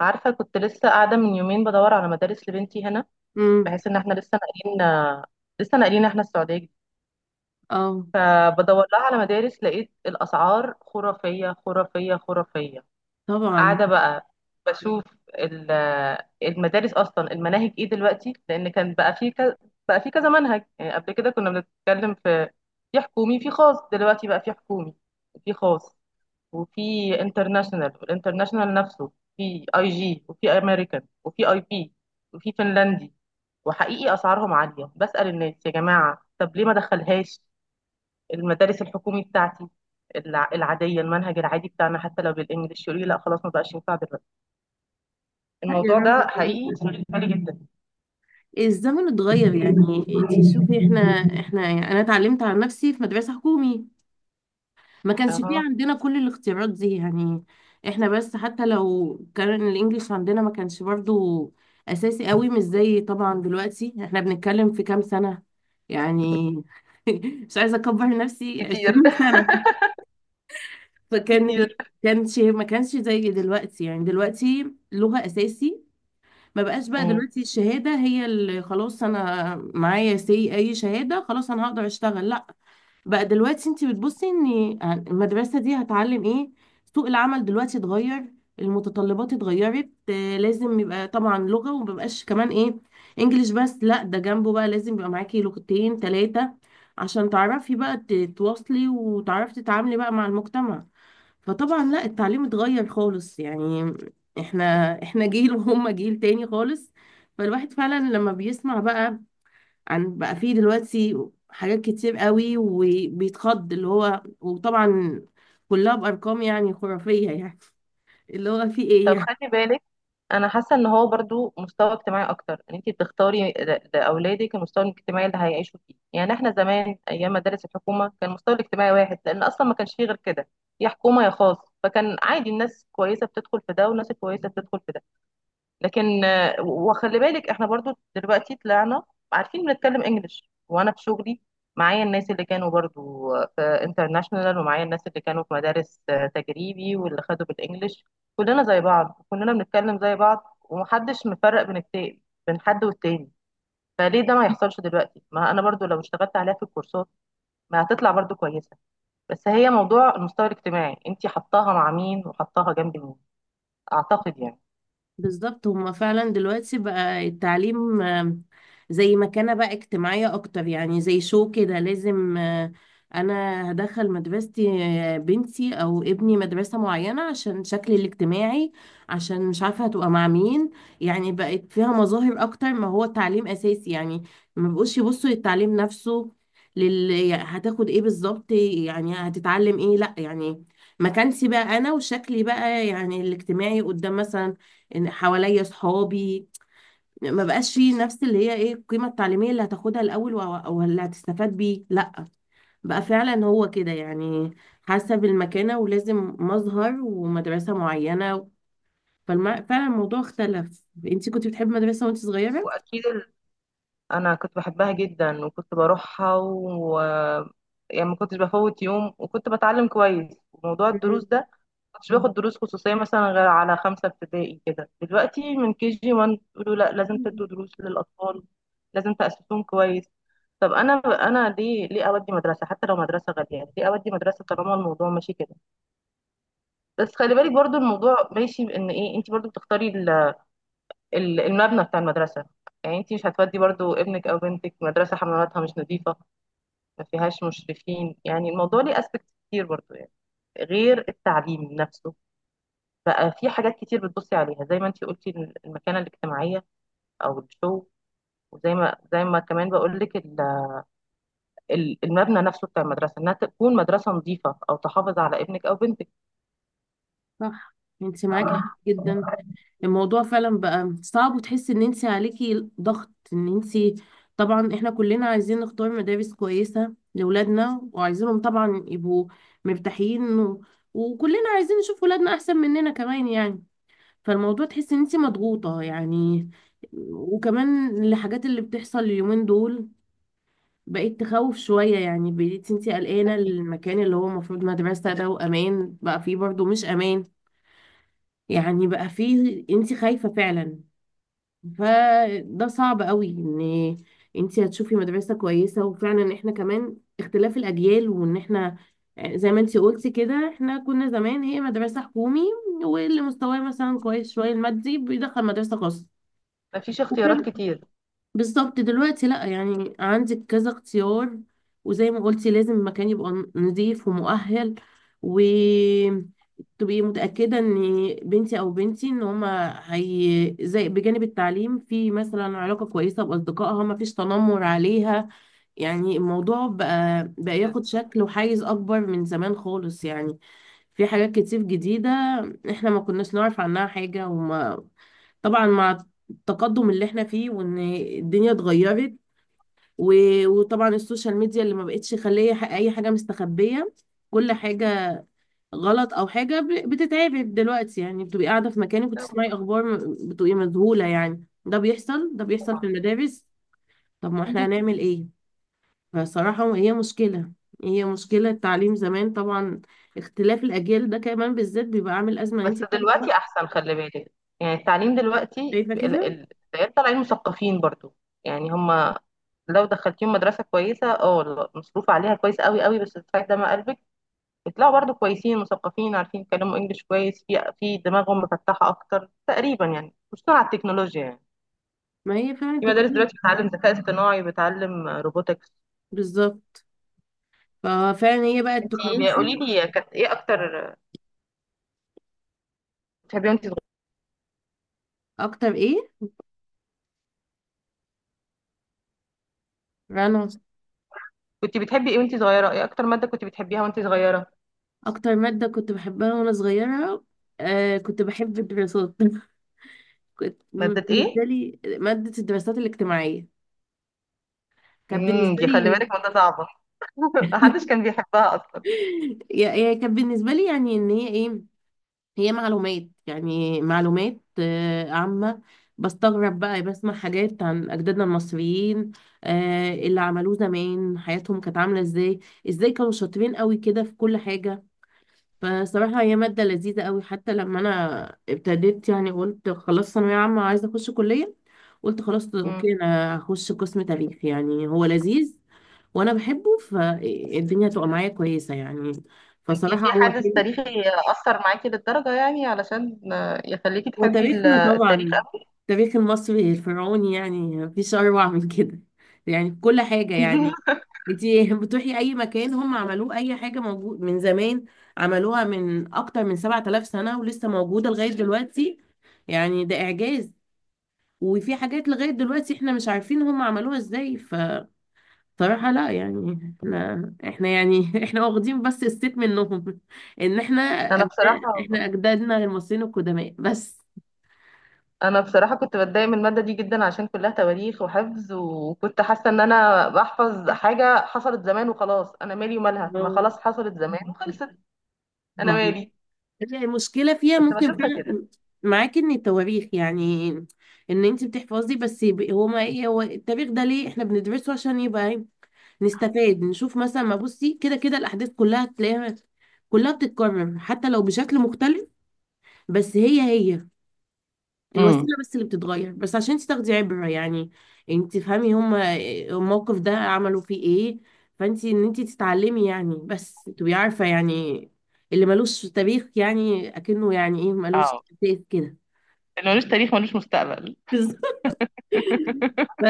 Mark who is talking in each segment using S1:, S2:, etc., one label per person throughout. S1: عارفة كنت لسه قاعدة من يومين بدور على مدارس لبنتي هنا،
S2: امم
S1: بحيث ان احنا لسه ناقلين. احنا السعودية جديد.
S2: اه،
S1: فبدور لها على مدارس، لقيت الأسعار خرافية خرافية خرافية.
S2: طبعا
S1: قاعدة بقى بشوف ال- المدارس أصلا المناهج ايه دلوقتي، لأن كان بقى في كذا. بقى في كذا منهج، يعني قبل كده كنا بنتكلم في في حكومي في خاص، دلوقتي بقى في حكومي، في خاص، وفي انترناشونال، والانترناشونال نفسه في اي جي وفي امريكان وفي اي بي وفي فنلندي. وحقيقي اسعارهم عاليه. بسأل الناس، يا جماعه طب ليه ما دخلهاش المدارس الحكومي بتاعتي، العاديه، المنهج العادي بتاعنا حتى لو بالانجلش؟ يقول لي لا خلاص، ما بقاش ينفع دلوقتي.
S2: لا يا
S1: الموضوع ده
S2: رنا،
S1: حقيقي شغل بالي جدا.
S2: الزمن اتغير. يعني انت شوفي احنا يعني انا اتعلمت على نفسي في مدرسة حكومي. ما كانش فيه
S1: اها.
S2: عندنا كل الاختيارات دي يعني. احنا بس حتى لو كان الانجليش عندنا ما كانش برضو اساسي قوي، مش زي طبعا دلوقتي. احنا بنتكلم في كام سنة يعني، مش عايزة اكبر نفسي،
S1: كتير.
S2: 20 سنة. فكان ال-
S1: كتير.
S2: ما كانش زي دلوقتي. يعني دلوقتي لغة اساسي، ما بقاش. بقى
S1: مم.
S2: دلوقتي الشهادة هي اللي خلاص انا معايا سي اي شهادة، خلاص انا هقدر اشتغل؟ لا. بقى دلوقتي انت بتبصي ان يعني المدرسة دي هتعلم ايه. سوق العمل دلوقتي اتغير، المتطلبات اتغيرت. لازم يبقى طبعا لغة، ومبقاش كمان ايه، انجليش بس، لا، ده جنبه بقى لازم يبقى معاكي لغتين ثلاثة عشان تعرفي بقى تتواصلي وتعرفي تتعاملي بقى مع المجتمع. فطبعا لا، التعليم اتغير خالص يعني. احنا احنا جيل، وهم جيل تاني خالص. فالواحد فعلا لما بيسمع بقى عن بقى فيه دلوقتي حاجات كتير قوي، وبيتخض اللي هو وطبعا كلها بأرقام يعني خرافية يعني، اللي هو فيه
S1: طب
S2: ايه
S1: خلي بالك، انا حاسه ان هو برضو مستوى اجتماعي اكتر، ان انت بتختاري لاولادك المستوى الاجتماعي اللي هيعيشوا فيه. يعني احنا زمان ايام مدارس الحكومه كان المستوى الاجتماعي واحد، لان اصلا ما كانش فيه غير كده، يا حكومه يا خاص. فكان عادي، الناس كويسه بتدخل في ده والناس الكويسه بتدخل في ده. لكن آه، وخلي بالك احنا برضو دلوقتي طلعنا عارفين بنتكلم انجلش، وانا في شغلي معايا الناس اللي كانوا برضو آه، في انترناشونال، ومعايا الناس اللي كانوا في مدارس آه، تجريبي، واللي خدوا بالانجلش. كلنا زي بعض، كلنا بنتكلم زي بعض، ومحدش مفرق بين التاني، بين حد والتاني. فليه ده ما يحصلش دلوقتي؟ ما انا برضو لو اشتغلت عليها في الكورسات ما هتطلع برضو كويسة. بس هي موضوع المستوى الاجتماعي، انتي حطاها مع مين وحطاها جنب مين، اعتقد يعني.
S2: بالظبط. هما فعلا دلوقتي بقى التعليم، زي مكانة بقى اجتماعية أكتر. يعني زي شو كده، لازم أنا هدخل مدرستي، بنتي أو ابني مدرسة معينة عشان شكلي الاجتماعي، عشان مش عارفة هتبقى مع مين. يعني بقت فيها مظاهر أكتر ما هو تعليم أساسي يعني. ما بقوش يبصوا للتعليم نفسه، يعني هتاخد ايه بالظبط، يعني هتتعلم ايه. لا، يعني مكانتي بقى أنا وشكلي بقى يعني الاجتماعي قدام مثلا ان حواليا صحابي. ما بقاش فيه نفس اللي هي ايه القيمة التعليمية اللي هتاخدها الاول، او اللي هتستفاد بيه. لا، بقى فعلا هو كده يعني، حسب المكانة، ولازم مظهر ومدرسة معينة. فعلا الموضوع اختلف. انت كنت بتحبي مدرسة وانت صغيرة؟
S1: واكيد، انا كنت بحبها جدا وكنت بروحها و يعني ما كنتش بفوت يوم، وكنت بتعلم كويس. وموضوع الدروس ده، ما كنتش باخد دروس خصوصية مثلا غير على خمسة ابتدائي كده. دلوقتي من كي جي 1 يقولوا لا لازم
S2: مم.
S1: تدوا دروس للأطفال، لازم تأسسهم كويس. طب انا، ليه اودي مدرسه؟ حتى لو مدرسه غاليه، يعني ليه اودي مدرسه طالما الموضوع ماشي كده؟ بس خلي بالك برضو، الموضوع ماشي بان ايه، انت برضو بتختاري المبنى بتاع المدرسه. يعني انت مش هتودي برضو ابنك او بنتك مدرسه حملاتها مش نظيفه، ما فيهاش مشرفين. يعني الموضوع ليه اسبكت كتير برضو، يعني غير التعليم نفسه. بقى في حاجات كتير بتبصي عليها، زي ما انتي قلتي، المكانة الاجتماعية او الشو. وزي ما كمان بقول لك، المبنى نفسه بتاع المدرسة، انها تكون مدرسة نظيفة او تحافظ على ابنك او بنتك.
S2: صح، انت معاكي حق جدا. الموضوع فعلا بقى صعب، وتحس ان انت عليكي ضغط ان انت طبعا احنا كلنا عايزين نختار مدارس كويسة لأولادنا، وعايزينهم طبعا يبقوا مرتاحين و... وكلنا عايزين نشوف ولادنا احسن مننا كمان يعني. فالموضوع تحس ان انت مضغوطة يعني. وكمان الحاجات اللي بتحصل اليومين دول بقيت تخوف شوية يعني. بقيت انت قلقانة المكان اللي هو المفروض مدرسة ده وأمان، بقى فيه برضه مش أمان يعني. بقى فيه انت خايفة فعلا. فده صعب قوي ان انت هتشوفي مدرسة كويسة. وفعلا احنا كمان اختلاف الاجيال، وان احنا زي ما انت قلتي كده احنا كنا زمان هي مدرسة حكومي، واللي مستواه مثلا كويس شوية المادي بيدخل مدرسة خاصة.
S1: ما فيش
S2: وكان
S1: اختيارات كتير.
S2: بالظبط دلوقتي لا، يعني عندك كذا اختيار، وزي ما قلتي لازم المكان يبقى نظيف ومؤهل، وتبقي متأكدة ان بنتي او بنتي ان هما هي زي بجانب التعليم، في مثلا علاقة كويسة بأصدقائها، ما فيش تنمر عليها. يعني الموضوع بقى ياخد
S1: بالظبط.
S2: شكل وحيز أكبر من زمان خالص يعني. في حاجات كتير جديدة احنا ما كناش نعرف عنها حاجة. وما طبعا مع التقدم اللي احنا فيه، وان الدنيا اتغيرت، وطبعا السوشيال ميديا اللي ما بقتش خليه اي حاجة مستخبية. كل حاجة غلط او حاجة بتتعبك دلوقتي، يعني بتبقي قاعدة في مكانك وتسمعي اخبار بتبقي مذهولة يعني. ده بيحصل في
S1: طبعا.
S2: المدارس. طب ما احنا هنعمل ايه. فصراحة هي مشكلة، التعليم زمان طبعا، اختلاف الأجيال ده كمان بالذات بيبقى عامل أزمة إن انتي
S1: بس
S2: بتاخدي وقت.
S1: دلوقتي احسن، خلي بالك، يعني التعليم دلوقتي
S2: شايفة كده؟
S1: العيال طالعين مثقفين برضو. يعني هم لو دخلتيهم مدرسه كويسه، اه مصروف عليها كويس قوي قوي، بس بتاعت دم قلبك. بيطلعوا برضو كويسين، مثقفين، عارفين يتكلموا انجليش كويس، في في دماغهم مفتحه اكتر تقريبا، يعني خصوصا على التكنولوجيا. يعني
S2: ما هي فعلا
S1: في مدارس
S2: التكنولوجيا.
S1: دلوقتي بتعلم ذكاء اصطناعي، بتعلم روبوتكس.
S2: بالظبط، ففعلا هي بقى
S1: انتي
S2: التكنولوجيا.
S1: قولي لي، كانت ايه اكتر بتحبيها وانت صغيره؟
S2: أكتر إيه رنا؟
S1: كنت بتحبي ايه وانت صغيره؟ ايه اكتر ماده كنت بتحبيها وانت صغيره؟
S2: أكتر مادة كنت بحبها وأنا صغيرة، آه، كنت بحب الدراسات. كنت
S1: ماده ايه؟
S2: بالنسبة لي مادة الدراسات الاجتماعية كانت
S1: امم،
S2: بالنسبة
S1: دي خلي
S2: لي
S1: بالك مادة صعبة. محدش كان بيحبها أصلا.
S2: هي كانت بالنسبة لي يعني إن هي إيه، هي معلومات يعني معلومات عامة. بستغرب بقى بسمع حاجات عن أجدادنا المصريين، اللي عملوه زمان، حياتهم كانت عاملة ازاي، ازاي كانوا شاطرين قوي كده في كل حاجة. فصراحة هي مادة لذيذة قوي. حتى لما أنا ابتديت يعني قلت خلاص ثانوية عامة عايزة أخش كلية، قلت خلاص
S1: امم.
S2: أوكي أنا هخش قسم تاريخ، يعني هو لذيذ وأنا بحبه فالدنيا تبقى معايا كويسة يعني.
S1: انتي
S2: فصراحة
S1: في
S2: هو
S1: حادث
S2: حلو.
S1: تاريخي أثر معاكي للدرجة، يعني علشان آه، يخليكي تحبي
S2: وتاريخنا
S1: التاريخ
S2: طبعا
S1: أوي؟
S2: التاريخ المصري الفرعوني يعني، مفيش أروع من كده، يعني في كل حاجة يعني. انتي بتروحي أي مكان هم عملوه، أي حاجة موجود من زمان، عملوها من أكتر من 7 آلاف سنة ولسه موجودة لغاية دلوقتي. يعني ده إعجاز. وفي حاجات لغاية دلوقتي احنا مش عارفين هم عملوها ازاي. فصراحة لا يعني، احنا يعني احنا واخدين بس الست منهم، ان احنا
S1: أنا
S2: أجداد،
S1: بصراحة،
S2: احنا أجدادنا المصريين القدماء بس.
S1: أنا بصراحة كنت بتضايق من المادة دي جدا، عشان كلها تواريخ وحفظ. وكنت حاسة إن أنا بحفظ حاجة حصلت زمان وخلاص، أنا مالي ومالها؟ ما خلاص حصلت زمان وخلصت، أنا
S2: ما
S1: مالي؟
S2: هي المشكلة فيها
S1: كنت
S2: ممكن
S1: بشوفها كده.
S2: فعلا معاكي ان التواريخ يعني ان انت بتحفظي بس. يبقى هو ما ايه، هو التاريخ ده ليه احنا بندرسه، عشان يبقى ايه، نستفاد، نشوف مثلا ما بصي كده، كده الاحداث كلها تلاقيها كلها بتتكرر حتى لو بشكل مختلف، بس هي الوسيله
S1: امم.
S2: بس اللي بتتغير، بس عشان انت تاخدي عبره يعني. يعني انت تفهمي هما الموقف ده عملوا فيه ايه، فانت ان انت تتعلمي يعني بس تبقي عارفه يعني. اللي ملوش تاريخ يعني اكنه يعني ايه، ملوش
S1: اه.
S2: تاريخ كده.
S1: اللي ملوش تاريخ ملوش مستقبل.
S2: ف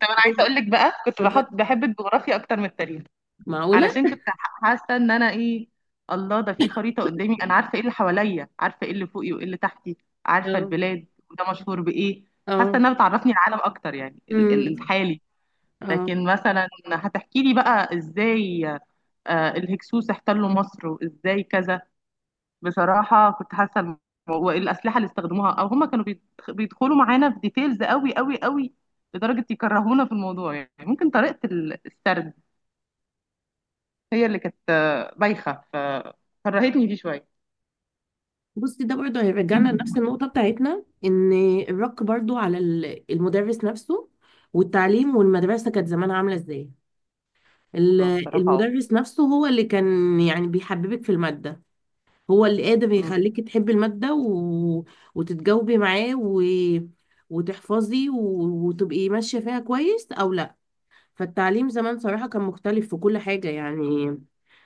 S1: طب أنا عايزة
S2: اتفضلي.
S1: أقول لك بقى، كنت بحط، بحب الجغرافيا أكتر من التاريخ،
S2: معقوله؟
S1: علشان كنت حاسه ان انا ايه، الله ده في خريطه قدامي، انا عارفه ايه اللي حواليا، عارفه ايه اللي فوقي وايه اللي تحتي، عارفه
S2: اه،
S1: البلاد وده مشهور بايه. حاسه
S2: اه،
S1: انها بتعرفني العالم اكتر، يعني
S2: امم
S1: الحالي.
S2: اه،
S1: لكن مثلا هتحكي لي بقى ازاي آه، الهكسوس احتلوا مصر وازاي كذا. بصراحه كنت حاسه والاسلحه اللي استخدموها، او هم كانوا بيدخلوا معانا في ديتيلز قوي قوي قوي لدرجه يكرهونا في الموضوع. يعني ممكن طريقه السرد هي اللي كانت آه، بايخة، فكرهتني فيه شوية.
S2: بصي ده برضه هيرجعنا لنفس النقطه بتاعتنا، ان الرق برضه على المدرس نفسه، والتعليم والمدرسه كانت زمان عامله ازاي.
S1: اه بصراحة اه.
S2: المدرس نفسه هو اللي كان يعني بيحببك في المادة، هو اللي قادر
S1: مم.
S2: يخليكي تحبي المادة و... وتتجاوبي معاه و... وتحفظي و... وتبقي ماشية فيها كويس أو لا. فالتعليم زمان صراحة كان مختلف في كل حاجة يعني.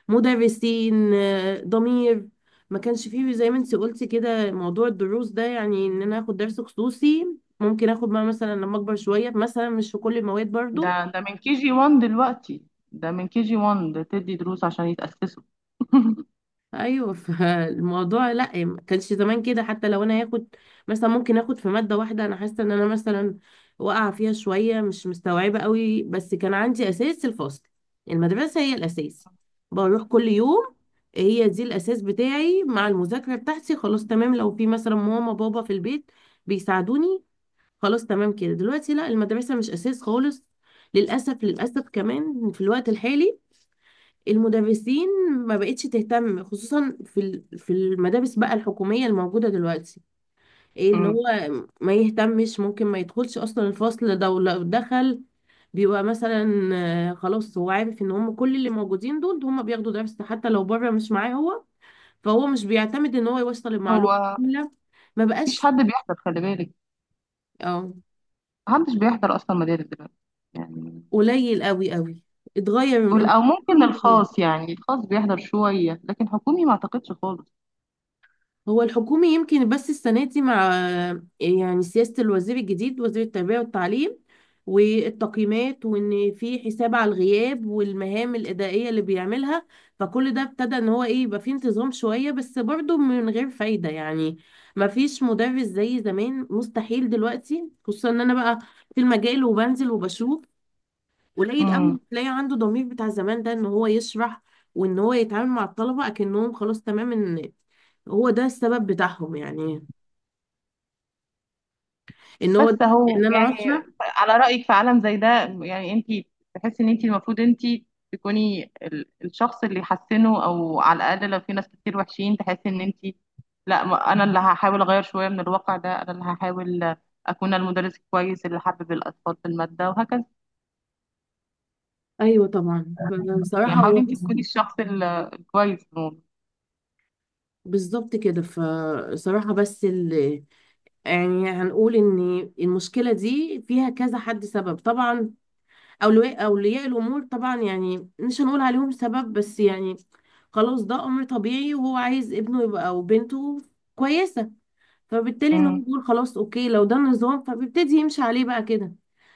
S2: مدرسين ضمير، ما كانش فيه زي ما انت قلتي كده موضوع الدروس ده، يعني ان انا اخد درس خصوصي ممكن اخد بقى مثلا لما اكبر شوية، مثلا مش في كل المواد
S1: ده
S2: برضو.
S1: ده من كي جي 1 دلوقتي. ده من كي جي 1، ده تدي دروس عشان يتأسسوا.
S2: ايوه، فالموضوع لا، ما كانش زمان كده. حتى لو انا هاخد مثلا، ممكن اخد في ماده واحده انا حاسه ان انا مثلا واقعه فيها شويه، مش مستوعبه قوي، بس كان عندي اساس، الفصل، المدرسه هي الاساس، بروح كل يوم، هي دي الاساس بتاعي مع المذاكره بتاعتي، خلاص تمام. لو في مثلا ماما بابا في البيت بيساعدوني، خلاص تمام كده. دلوقتي لا، المدرسه مش اساس خالص. للاسف، للاسف كمان في الوقت الحالي المدرسين ما بقتش تهتم، خصوصا في في المدارس بقى الحكومية الموجودة دلوقتي. ايه ان
S1: مم.
S2: هو ما يهتمش، ممكن ما يدخلش اصلا الفصل ده، ولو دخل بيبقى مثلا خلاص هو عارف ان هم كل اللي موجودين دول هم بياخدوا درس حتى لو بره مش معاه هو. فهو مش بيعتمد ان هو يوصل المعلومة
S1: هو
S2: كاملة. ما
S1: مفيش
S2: بقاش.
S1: حد بيحضر، خلي بالك.
S2: اه،
S1: محدش بيحضر أصلا مدارس دلوقتي، يعني.
S2: قليل قوي قوي، اتغير،
S1: أو ممكن
S2: كله اتغير.
S1: الخاص، يعني الخاص بيحضر شوية، لكن حكومي ما أعتقدش خالص.
S2: هو الحكومي يمكن بس السنة دي مع يعني سياسة الوزير الجديد، وزير التربية والتعليم، والتقييمات، وان في حساب على الغياب والمهام الإدارية اللي بيعملها، فكل ده ابتدى ان هو ايه، يبقى فيه انتظام شوية، بس برضه من غير فايدة يعني. ما فيش مدرس زي زمان مستحيل دلوقتي. خصوصا ان انا بقى في المجال وبنزل وبشوف، قليل قوي
S1: مم.
S2: اللي تلاقي عنده ضمير بتاع زمان ده، ان هو يشرح، وان هو يتعامل مع الطلبة اكنهم خلاص تمام ان هو ده السبب بتاعهم يعني، ان هو
S1: بس
S2: ان
S1: هو
S2: انا
S1: يعني،
S2: هشرح.
S1: على رأيك في عالم زي ده، يعني انت تحسي ان انت المفروض انت تكوني الشخص اللي يحسنه، او على الاقل لو في ناس كتير وحشين تحسي ان انت، لا انا اللي هحاول اغير شوية من الواقع ده، انا اللي هحاول اكون المدرس الكويس اللي حبب الاطفال في المادة وهكذا.
S2: ايوه طبعا، فصراحة
S1: يعني
S2: هو
S1: حاولي انت
S2: بس
S1: تكوني الشخص الكويس في الموضوع.
S2: بالظبط كده. فصراحة بس ال... يعني هنقول ان المشكلة دي فيها كذا حد سبب طبعا. اولياء الامور طبعا يعني مش هنقول عليهم سبب، بس يعني خلاص ده امر طبيعي، وهو عايز ابنه يبقى او بنته كويسة، فبالتالي ان هو
S1: امم.
S2: بيقول خلاص اوكي لو ده النظام، فبيبتدي يمشي عليه بقى كده.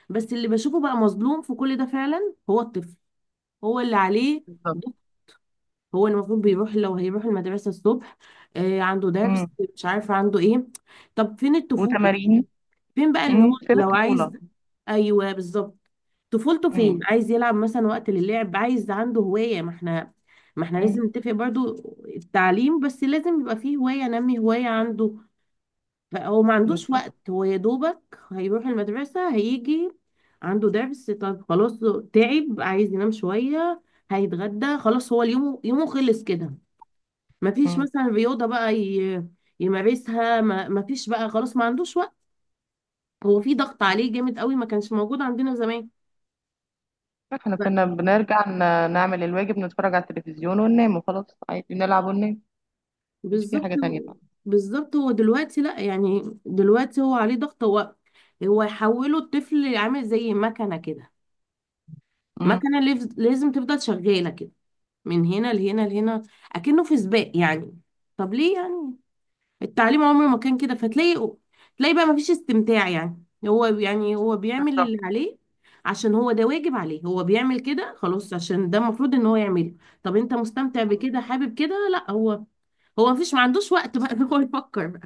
S2: بس اللي بشوفه بقى مظلوم في كل ده فعلا هو الطفل، هو اللي عليه
S1: بالظبط.
S2: ضغط. هو المفروض بيروح، لو هيروح المدرسة الصبح، آه عنده
S1: امم.
S2: درس، مش عارفة عنده ايه. طب فين الطفولة يعني،
S1: وتمارين.
S2: فين بقى ان هو
S1: امم، سيب
S2: لو عايز،
S1: الطفولة.
S2: ايوه بالظبط، طفولته فين،
S1: امم.
S2: عايز يلعب مثلا، وقت للعب، عايز عنده هواية. ما احنا
S1: امم.
S2: لازم نتفق برضو، التعليم بس لازم يبقى فيه هواية، نمي هواية عنده. هو ما عندوش
S1: بالظبط.
S2: وقت. هو يا دوبك هيروح المدرسة هيجي عنده درس، طب خلاص تعب عايز ينام شوية، هيتغدى خلاص، هو اليوم يومه خلص كده. ما فيش
S1: امم.
S2: مثلا رياضة بقى يمارسها، ما فيش بقى خلاص، ما عندوش وقت. هو في ضغط عليه جامد قوي ما كانش موجود عندنا زمان.
S1: احنا
S2: ف-
S1: كنا بنرجع نعمل الواجب، نتفرج على التلفزيون وننام وخلاص، عادي نلعب وننام. مش في
S2: بالظبط،
S1: حاجة تانية فعلا.
S2: بالظبط. هو دلوقتي لا يعني، دلوقتي هو عليه ضغط. هو يحوله الطفل عامل زي مكنة كده،
S1: امم.
S2: مكنة لازم تفضل شغالة كده، من هنا لهنا لهنا، اكنه في سباق يعني. طب ليه يعني، التعليم عمره ما كان كده. فتلاقي بقى ما فيش استمتاع يعني. هو يعني هو بيعمل
S1: بالظبط.
S2: اللي عليه، عشان هو ده واجب عليه، هو بيعمل كده خلاص عشان ده المفروض ان هو يعمله. طب انت مستمتع بكده، حابب كده؟ لا، هو مفيش، ما عندوش وقت بقى ان هو يفكر.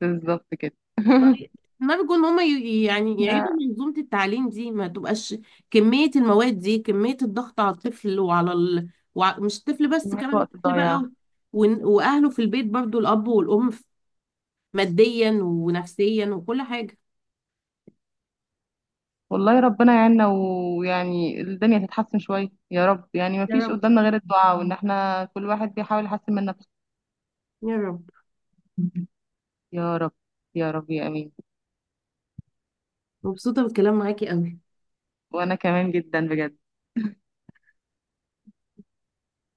S1: بالظبط كده.
S2: طيب، ما بيكون هما يعني
S1: إحنا
S2: يعيدوا منظومة التعليم دي، ما تبقاش كمية المواد دي، كمية الضغط على الطفل، وعلى ال... مش الطفل بس،
S1: كمية
S2: كمان
S1: وقت
S2: الطفل
S1: ضايع.
S2: بقى وأهله في البيت برضو، الأب والأم، ماديا ونفسيا وكل حاجة.
S1: والله ربنا يعيننا، ويعني الدنيا تتحسن شوية يا رب. يعني ما
S2: يا
S1: فيش
S2: رب،
S1: قدامنا غير الدعاء، وإن احنا كل واحد بيحاول يحسن من نفسه.
S2: يا رب.
S1: يا رب. يا رب. يا أمين.
S2: مبسوطة بالكلام معاكي قوي.
S1: وأنا كمان جدا بجد.